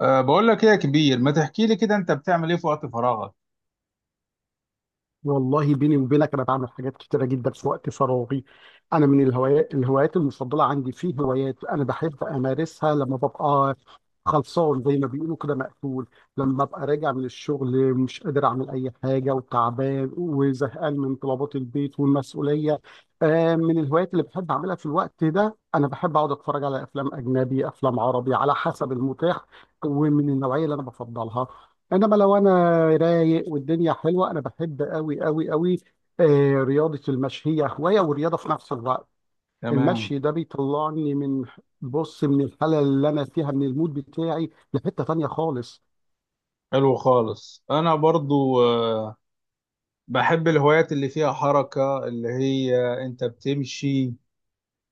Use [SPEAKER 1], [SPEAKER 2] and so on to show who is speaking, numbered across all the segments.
[SPEAKER 1] بقول لك ايه يا كبير، ما تحكي لي كده انت بتعمل ايه في وقت فراغك؟
[SPEAKER 2] والله بيني وبينك، انا بعمل حاجات كتيره جدا في وقت فراغي. انا من الهوايات المفضله عندي، في هوايات انا بحب امارسها لما ببقى خلصان، زي ما بيقولوا كده، مقفول. لما ببقى راجع من الشغل مش قادر اعمل اي حاجه، وتعبان وزهقان من طلبات البيت والمسؤوليه. من الهوايات اللي بحب اعملها في الوقت ده، انا بحب اقعد اتفرج على افلام اجنبي، افلام عربي على حسب المتاح ومن النوعيه اللي انا بفضلها. انما لو انا رايق والدنيا حلوه، انا بحب قوي قوي قوي رياضه المشي. هي هوايه ورياضه في نفس الوقت.
[SPEAKER 1] تمام.
[SPEAKER 2] المشي ده بيطلعني من، بص، من الحاله اللي انا فيها، من المود بتاعي لحته تانيه خالص.
[SPEAKER 1] حلو خالص. انا برضو بحب الهوايات اللي فيها حركة، اللي هي انت بتمشي.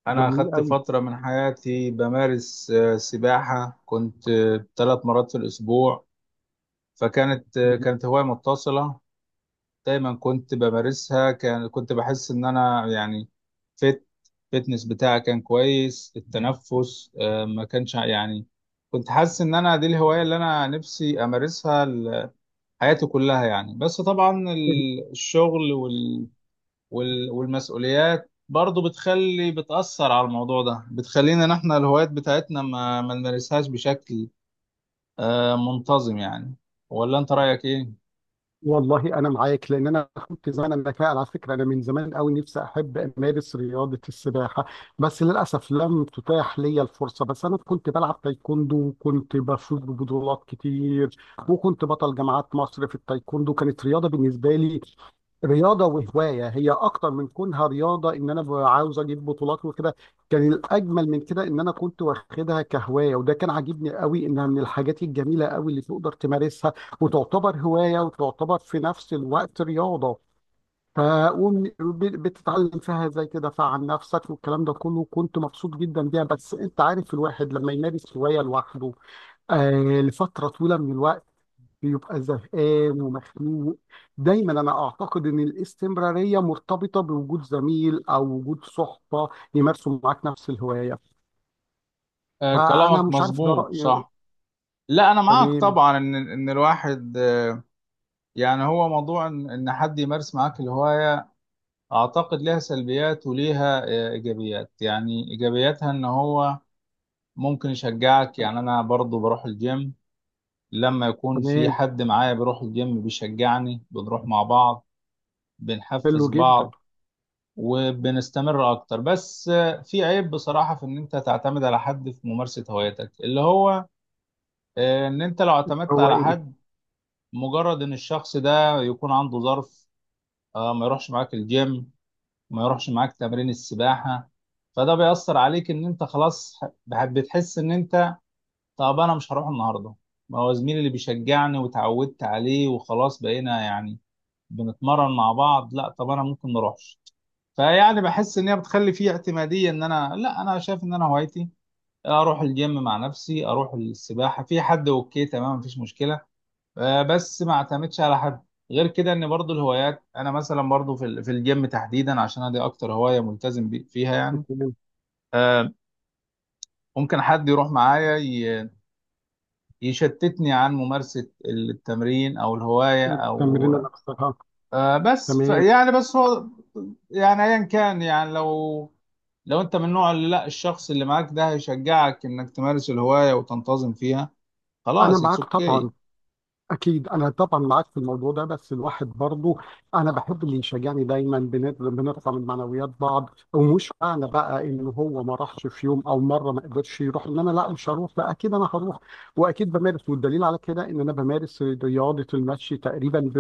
[SPEAKER 1] انا
[SPEAKER 2] جميل
[SPEAKER 1] اخدت
[SPEAKER 2] قوي.
[SPEAKER 1] فترة من حياتي بمارس سباحة، كنت ثلاث مرات في الاسبوع. فكانت كانت هواية متصلة، دايما كنت بمارسها، كنت بحس ان انا يعني فت فتنس بتاعي كان كويس، التنفس ما كانش يعني كنت حاسس ان انا دي الهواية اللي انا نفسي امارسها حياتي كلها يعني. بس طبعا الشغل وال والمسؤوليات برضو بتخلي بتأثر على الموضوع ده، بتخلينا ان احنا الهوايات بتاعتنا ما نمارسهاش بشكل منتظم يعني. ولا انت رأيك ايه؟
[SPEAKER 2] والله انا معاك، لان انا كنت زمان، انا فعلا على فكره انا من زمان قوي نفسي احب امارس رياضه السباحه، بس للاسف لم تتاح لي الفرصه. بس انا كنت بلعب تايكوندو وكنت بفوز ببطولات كتير، وكنت بطل جامعات مصر في التايكوندو. كانت رياضه بالنسبه لي، رياضة وهواية. هي أكتر من كونها رياضة، إن أنا عاوز أجيب بطولات وكده. كان الأجمل من كده إن أنا كنت واخدها كهواية، وده كان عاجبني قوي. إنها من الحاجات الجميلة قوي اللي تقدر تمارسها، وتعتبر هواية وتعتبر في نفس الوقت رياضة. ف بتتعلم فيها زي كده فعن نفسك، والكلام ده كله كنت مبسوط جدا بيها. بس انت عارف، الواحد لما يمارس هواية لوحده لفترة طويلة من الوقت بيبقى زهقان ومخنوق. دايما انا اعتقد ان الاستمرارية مرتبطة بوجود زميل او وجود صحبة يمارسوا معاك نفس الهواية. فانا
[SPEAKER 1] كلامك
[SPEAKER 2] مش عارف، ده
[SPEAKER 1] مظبوط
[SPEAKER 2] رأيي.
[SPEAKER 1] صح. لا انا معاك
[SPEAKER 2] تمام.
[SPEAKER 1] طبعا ان الواحد يعني هو موضوع ان إن حد يمارس معاك الهوايه، اعتقد لها سلبيات وليها ايجابيات. يعني ايجابياتها ان هو ممكن يشجعك. يعني انا برضو بروح الجيم، لما يكون في
[SPEAKER 2] تمام.
[SPEAKER 1] حد معايا بيروح الجيم بيشجعني، بنروح مع بعض، بنحفز
[SPEAKER 2] حلو جدا.
[SPEAKER 1] بعض وبنستمر اكتر. بس في عيب بصراحه في ان انت تعتمد على حد في ممارسه هوايتك، اللي هو ان انت لو اعتمدت
[SPEAKER 2] هو
[SPEAKER 1] على
[SPEAKER 2] ايه؟
[SPEAKER 1] حد، مجرد ان الشخص ده يكون عنده ظرف ما يروحش معاك الجيم، ما يروحش معاك تمرين السباحة، فده بيأثر عليك ان انت خلاص بتحس ان انت طب انا مش هروح النهاردة، ما هو زميلي اللي بيشجعني وتعودت عليه وخلاص بقينا يعني بنتمرن مع بعض، لا طب انا ممكن نروحش. فيعني بحس ان هي بتخلي فيه اعتمادية. ان انا لا، انا شايف ان انا هوايتي اروح الجيم مع نفسي، اروح السباحة، في حد اوكي تمام مفيش مشكلة، بس ما اعتمدش على حد. غير كده ان برضو الهوايات، انا مثلا برضو في في الجيم تحديدا، عشان أنا دي اكتر هوايه ملتزم فيها يعني، آه، ممكن حد يروح معايا يشتتني عن ممارسه التمرين او الهوايه او
[SPEAKER 2] التمرين الأقصى.
[SPEAKER 1] بس ف
[SPEAKER 2] تمام.
[SPEAKER 1] يعني بس هو يعني ايا كان. يعني لو لو انت من نوع اللي لا الشخص اللي معاك ده هيشجعك انك تمارس الهوايه وتنتظم فيها،
[SPEAKER 2] أنا
[SPEAKER 1] خلاص اتس
[SPEAKER 2] معاك طبعا.
[SPEAKER 1] اوكي.
[SPEAKER 2] أكيد أنا طبعا معاك في الموضوع ده. بس الواحد برضه أنا بحب اللي يشجعني دايما، بنرفع من معنويات بعض. ومش معنى بقى إن هو ما راحش في يوم أو مرة ما قدرش يروح إن أنا لا مش هروح. لا، أكيد أنا هروح. وأكيد بمارس. والدليل على كده إن أنا بمارس رياضة المشي تقريبا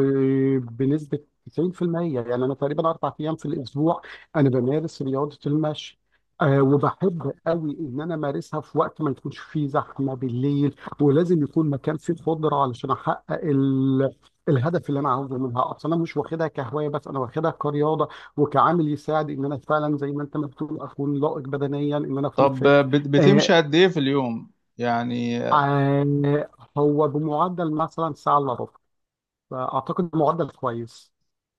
[SPEAKER 2] بنسبة 90%. يعني أنا تقريبا 4 أيام في الأسبوع أنا بمارس رياضة المشي. وبحب قوي ان انا امارسها في وقت ما يكونش فيه زحمه بالليل، ولازم يكون مكان فيه خضره علشان احقق ال... الهدف اللي انا عاوزه منها. اصلا انا مش واخدها كهوايه بس، انا واخدها كرياضه وكعامل يساعد ان انا فعلا زي ما انت ما بتقول اكون لائق بدنيا، ان انا اكون
[SPEAKER 1] طب
[SPEAKER 2] فت آه
[SPEAKER 1] بتمشي قد ايه في اليوم يعني؟
[SPEAKER 2] آه هو بمعدل مثلا ساعه الا ربع، فاعتقد معدل كويس.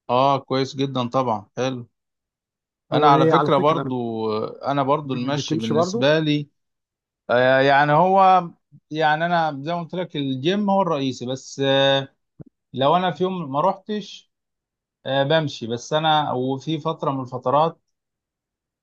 [SPEAKER 1] اه كويس جدا طبعا، حلو. انا على
[SPEAKER 2] وعلى
[SPEAKER 1] فكرة
[SPEAKER 2] فكره
[SPEAKER 1] برضو، انا برضو المشي
[SPEAKER 2] بتمشي برضو.
[SPEAKER 1] بالنسبة لي آه يعني هو يعني انا زي ما قلت لك الجيم هو الرئيسي، بس آه لو انا في يوم ما روحتش آه بمشي. بس انا وفي فترة من الفترات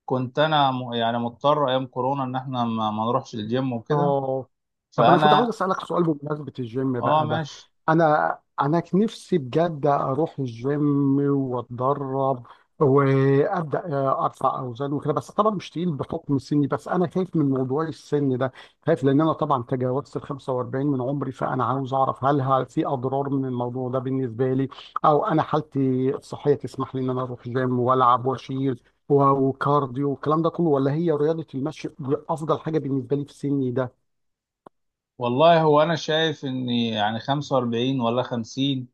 [SPEAKER 1] كنت انا يعني مضطر ايام كورونا ان احنا ما نروحش الجيم وكده.
[SPEAKER 2] اه، طب انا كنت عاوز
[SPEAKER 1] فانا
[SPEAKER 2] اسالك سؤال بمناسبه الجيم
[SPEAKER 1] اه
[SPEAKER 2] بقى ده.
[SPEAKER 1] ماشي.
[SPEAKER 2] انا كان نفسي بجد اروح الجيم واتدرب وابدا ارفع اوزان وكده، بس طبعا مش تقيل بحكم سني. بس انا خايف من موضوع السن ده. خايف لان انا طبعا تجاوزت ال 45 من عمري. فانا عاوز اعرف هل في اضرار من الموضوع ده بالنسبه لي، او انا حالتي الصحيه تسمح لي ان انا اروح جيم والعب واشيل وكارديو والكلام ده كله، ولا هي رياضة المشي أفضل حاجة بالنسبة لي في سني ده.
[SPEAKER 1] والله هو انا شايف ان يعني 45 ولا 50،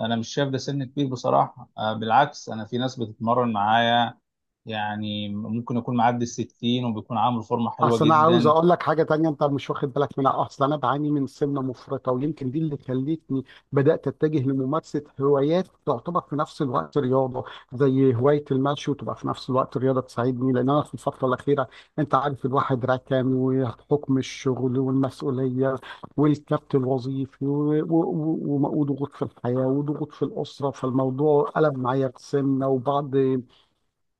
[SPEAKER 1] انا مش شايف ده سن كبير بصراحه، بالعكس. انا في ناس بتتمرن معايا يعني ممكن يكون معدي ال 60 وبيكون عامل فورمه حلوه
[SPEAKER 2] اصل انا عاوز
[SPEAKER 1] جدا.
[SPEAKER 2] اقول لك حاجه تانية انت مش واخد بالك منها. اصل انا بعاني من سمنه مفرطه، ويمكن دي اللي خلتني بدات اتجه لممارسه هوايات تعتبر في نفس الوقت رياضه، زي هوايه المشي، وتبقى في نفس الوقت رياضه تساعدني. لان انا في الفتره الاخيره، انت عارف، الواحد ركن وحكم الشغل والمسؤوليه والكبت الوظيفي وضغوط في الحياه وضغوط في الاسره، فالموضوع قلب معايا بسمنه وبعض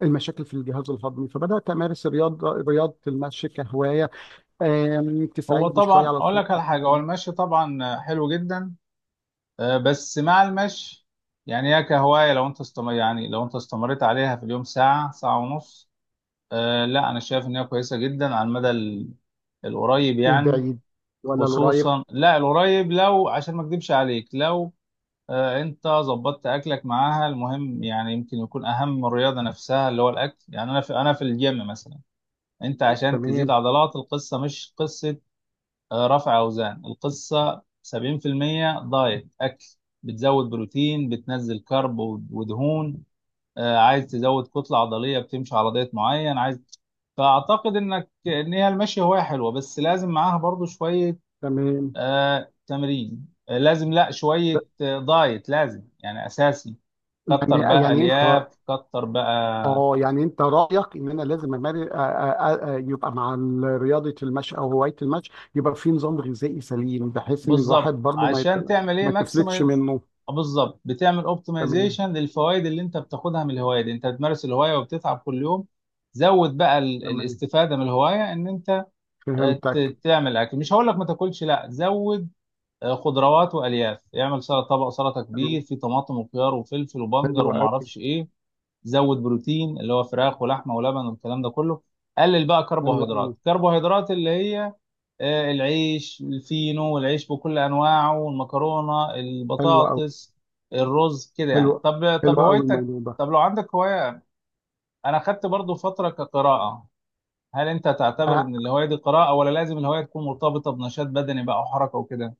[SPEAKER 2] المشاكل في الجهاز الهضمي. فبدات امارس الرياضه، رياضه المشي كهوايه
[SPEAKER 1] هو
[SPEAKER 2] تساعدني
[SPEAKER 1] طبعا
[SPEAKER 2] شويه على
[SPEAKER 1] اقول
[SPEAKER 2] الخروج.
[SPEAKER 1] لك على حاجه، هو المشي طبعا حلو جدا، بس مع المشي يعني هي كهوايه لو انت استمر، يعني لو انت استمريت عليها في اليوم ساعه ساعه ونص، لا انا شايف ان هي كويسه جدا على المدى القريب يعني.
[SPEAKER 2] للبعيد ولا القريب؟
[SPEAKER 1] خصوصا لا القريب. لو عشان ما اكدبش عليك، لو انت ظبطت اكلك معاها، المهم يعني يمكن يكون اهم من الرياضه نفسها اللي هو الاكل. يعني انا في، انا في الجيم مثلا انت عشان تزيد
[SPEAKER 2] تمام.
[SPEAKER 1] عضلات، القصه مش قصه رفع اوزان، القصه 70% دايت اكل، بتزود بروتين بتنزل كرب ودهون، عايز تزود كتله عضليه بتمشي على دايت معين عايز. فاعتقد انك ان هي المشي هوايه حلوه، بس لازم معاها برضو شويه
[SPEAKER 2] تمام.
[SPEAKER 1] آه تمرين، آه لازم لا شوية آه دايت لازم يعني أساسي. كتر
[SPEAKER 2] يعني
[SPEAKER 1] بقى
[SPEAKER 2] يعني انت،
[SPEAKER 1] ألياف، كتر بقى
[SPEAKER 2] اه، يعني انت رايك ان انا لازم امارس، يبقى مع رياضه المشي او هوايه المشي، يبقى في نظام غذائي سليم بحيث ان الواحد
[SPEAKER 1] بالظبط
[SPEAKER 2] برضه
[SPEAKER 1] عشان تعمل إيه،
[SPEAKER 2] ما تفلتش
[SPEAKER 1] ماكسمايز
[SPEAKER 2] منه.
[SPEAKER 1] بالظبط، بتعمل
[SPEAKER 2] تمام.
[SPEAKER 1] اوبتمايزيشن للفوائد اللي أنت بتاخدها من الهواية دي. أنت بتمارس الهواية وبتتعب كل يوم، زود بقى
[SPEAKER 2] تمام.
[SPEAKER 1] الاستفادة من الهواية. إن أنت
[SPEAKER 2] فهمتك.
[SPEAKER 1] تعمل أكل، مش هقول لك ما تاكلش، لا زود خضروات وألياف، اعمل سلطة، طبق سلطة كبير
[SPEAKER 2] تمام.
[SPEAKER 1] فيه طماطم وخيار وفلفل
[SPEAKER 2] حلو
[SPEAKER 1] وبنجر
[SPEAKER 2] قوي.
[SPEAKER 1] ومعرفش إيه. زود بروتين اللي هو فراخ ولحمه ولبن والكلام ده كله. قلل بقى
[SPEAKER 2] حلو قوي.
[SPEAKER 1] كربوهيدرات، كربوهيدرات اللي هي العيش الفينو والعيش بكل انواعه والمكرونه
[SPEAKER 2] حلو قوي.
[SPEAKER 1] البطاطس الرز كده
[SPEAKER 2] حلو.
[SPEAKER 1] يعني. طب
[SPEAKER 2] حلو
[SPEAKER 1] طب
[SPEAKER 2] قوي
[SPEAKER 1] هوايتك،
[SPEAKER 2] الموضوع ده.
[SPEAKER 1] طب لو عندك هوايه، انا خدت برضو فتره كقراءه، هل انت تعتبر
[SPEAKER 2] أه
[SPEAKER 1] ان الهوايه دي قراءه ولا لازم الهوايه تكون مرتبطه بنشاط بدني بقى وحركه وكده؟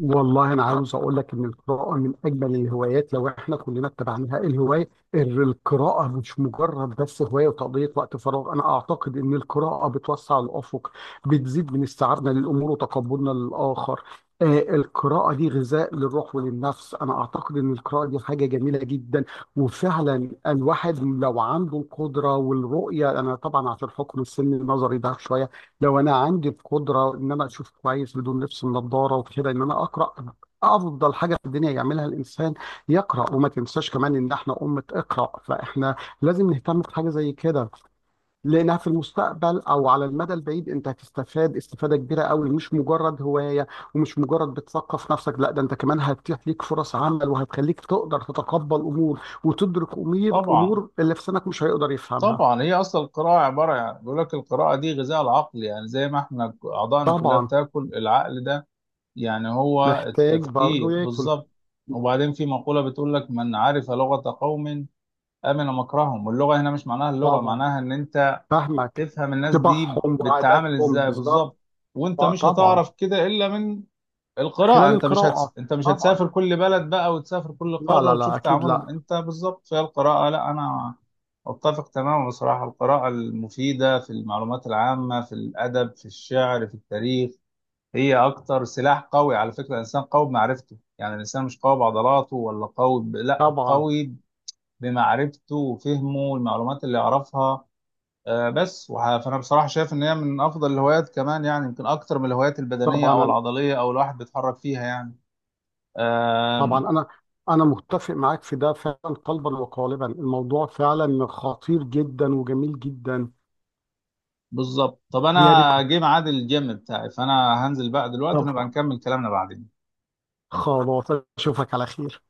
[SPEAKER 2] والله انا عاوز اقول لك ان القراءه من اجمل الهوايات لو احنا كلنا اتبعناها. الهوايه، القراءه مش مجرد بس هوايه وتقضيه وقت فراغ. انا اعتقد ان القراءه بتوسع الافق، بتزيد من استيعابنا للامور وتقبلنا للاخر. القراءه دي غذاء للروح وللنفس. انا اعتقد ان القراءه دي حاجه جميله جدا. وفعلا الواحد لو عنده القدره والرؤيه، انا طبعا عشان حكم السن النظري ده شويه، لو انا عندي القدره ان انا اشوف كويس بدون لبس النضاره وكده ان انا اقرا، افضل حاجه في الدنيا يعملها الانسان يقرا. وما تنساش كمان ان احنا امه اقرا، فاحنا لازم نهتم بحاجه زي كده، لانها في المستقبل او على المدى البعيد انت هتستفاد استفاده كبيره قوي، مش مجرد هوايه ومش مجرد بتثقف نفسك. لا، ده انت كمان هتتيح ليك فرص عمل، وهتخليك تقدر تتقبل امور وتدرك امور،
[SPEAKER 1] طبعا
[SPEAKER 2] اللي في سنك مش هيقدر يفهمها.
[SPEAKER 1] طبعا. هي اصلا القراءه عباره، يعني بيقول لك القراءه دي غذاء العقل، يعني زي ما احنا اعضائنا كلها
[SPEAKER 2] طبعا.
[SPEAKER 1] بتاكل، العقل ده يعني هو
[SPEAKER 2] محتاج برضه
[SPEAKER 1] التفكير
[SPEAKER 2] ياكل.
[SPEAKER 1] بالظبط. وبعدين في مقولة بتقول لك، من عرف لغة قوم أمن مكرهم. واللغة هنا مش معناها اللغة،
[SPEAKER 2] طبعا.
[SPEAKER 1] معناها إن أنت
[SPEAKER 2] فاهمك.
[SPEAKER 1] تفهم الناس دي
[SPEAKER 2] طباعهم
[SPEAKER 1] بتتعامل
[SPEAKER 2] وعاداتهم
[SPEAKER 1] إزاي
[SPEAKER 2] بالظبط.
[SPEAKER 1] بالظبط. وأنت مش
[SPEAKER 2] طبعا.
[SPEAKER 1] هتعرف كده إلا من القراءة.
[SPEAKER 2] خلال
[SPEAKER 1] أنت مش
[SPEAKER 2] القراءة.
[SPEAKER 1] هتس... أنت مش
[SPEAKER 2] طبعا.
[SPEAKER 1] هتسافر كل بلد بقى وتسافر كل
[SPEAKER 2] لا
[SPEAKER 1] قارة
[SPEAKER 2] لا
[SPEAKER 1] وتشوف
[SPEAKER 2] لا، أكيد
[SPEAKER 1] تعاملهم
[SPEAKER 2] لا.
[SPEAKER 1] أنت بالظبط. فهي القراءة لا، أنا أتفق تماما بصراحة. القراءة المفيدة في المعلومات العامة، في الأدب في الشعر في التاريخ، هي اكتر سلاح قوي. على فكره الانسان قوي بمعرفته، يعني الانسان مش قوي بعضلاته ولا قوي لا
[SPEAKER 2] طبعا.
[SPEAKER 1] قوي بمعرفته وفهمه المعلومات اللي يعرفها. فانا بصراحه شايف ان هي من افضل الهوايات، كمان يعني يمكن اكتر من الهوايات البدنيه
[SPEAKER 2] طبعا
[SPEAKER 1] او
[SPEAKER 2] أنا-
[SPEAKER 1] العضليه او الواحد بيتحرك فيها يعني، آه
[SPEAKER 2] طبعا أنا، أنا متفق معاك في ده فعلا، قلبا وقالبا. الموضوع فعلا خطير جدا وجميل جدا.
[SPEAKER 1] بالظبط. طب
[SPEAKER 2] يا ريت.
[SPEAKER 1] انا جه ميعاد الجيم بتاعي، فانا هنزل بقى دلوقتي
[SPEAKER 2] طب.
[SPEAKER 1] ونبقى نكمل كلامنا بعدين.
[SPEAKER 2] خلاص. أشوفك على خير.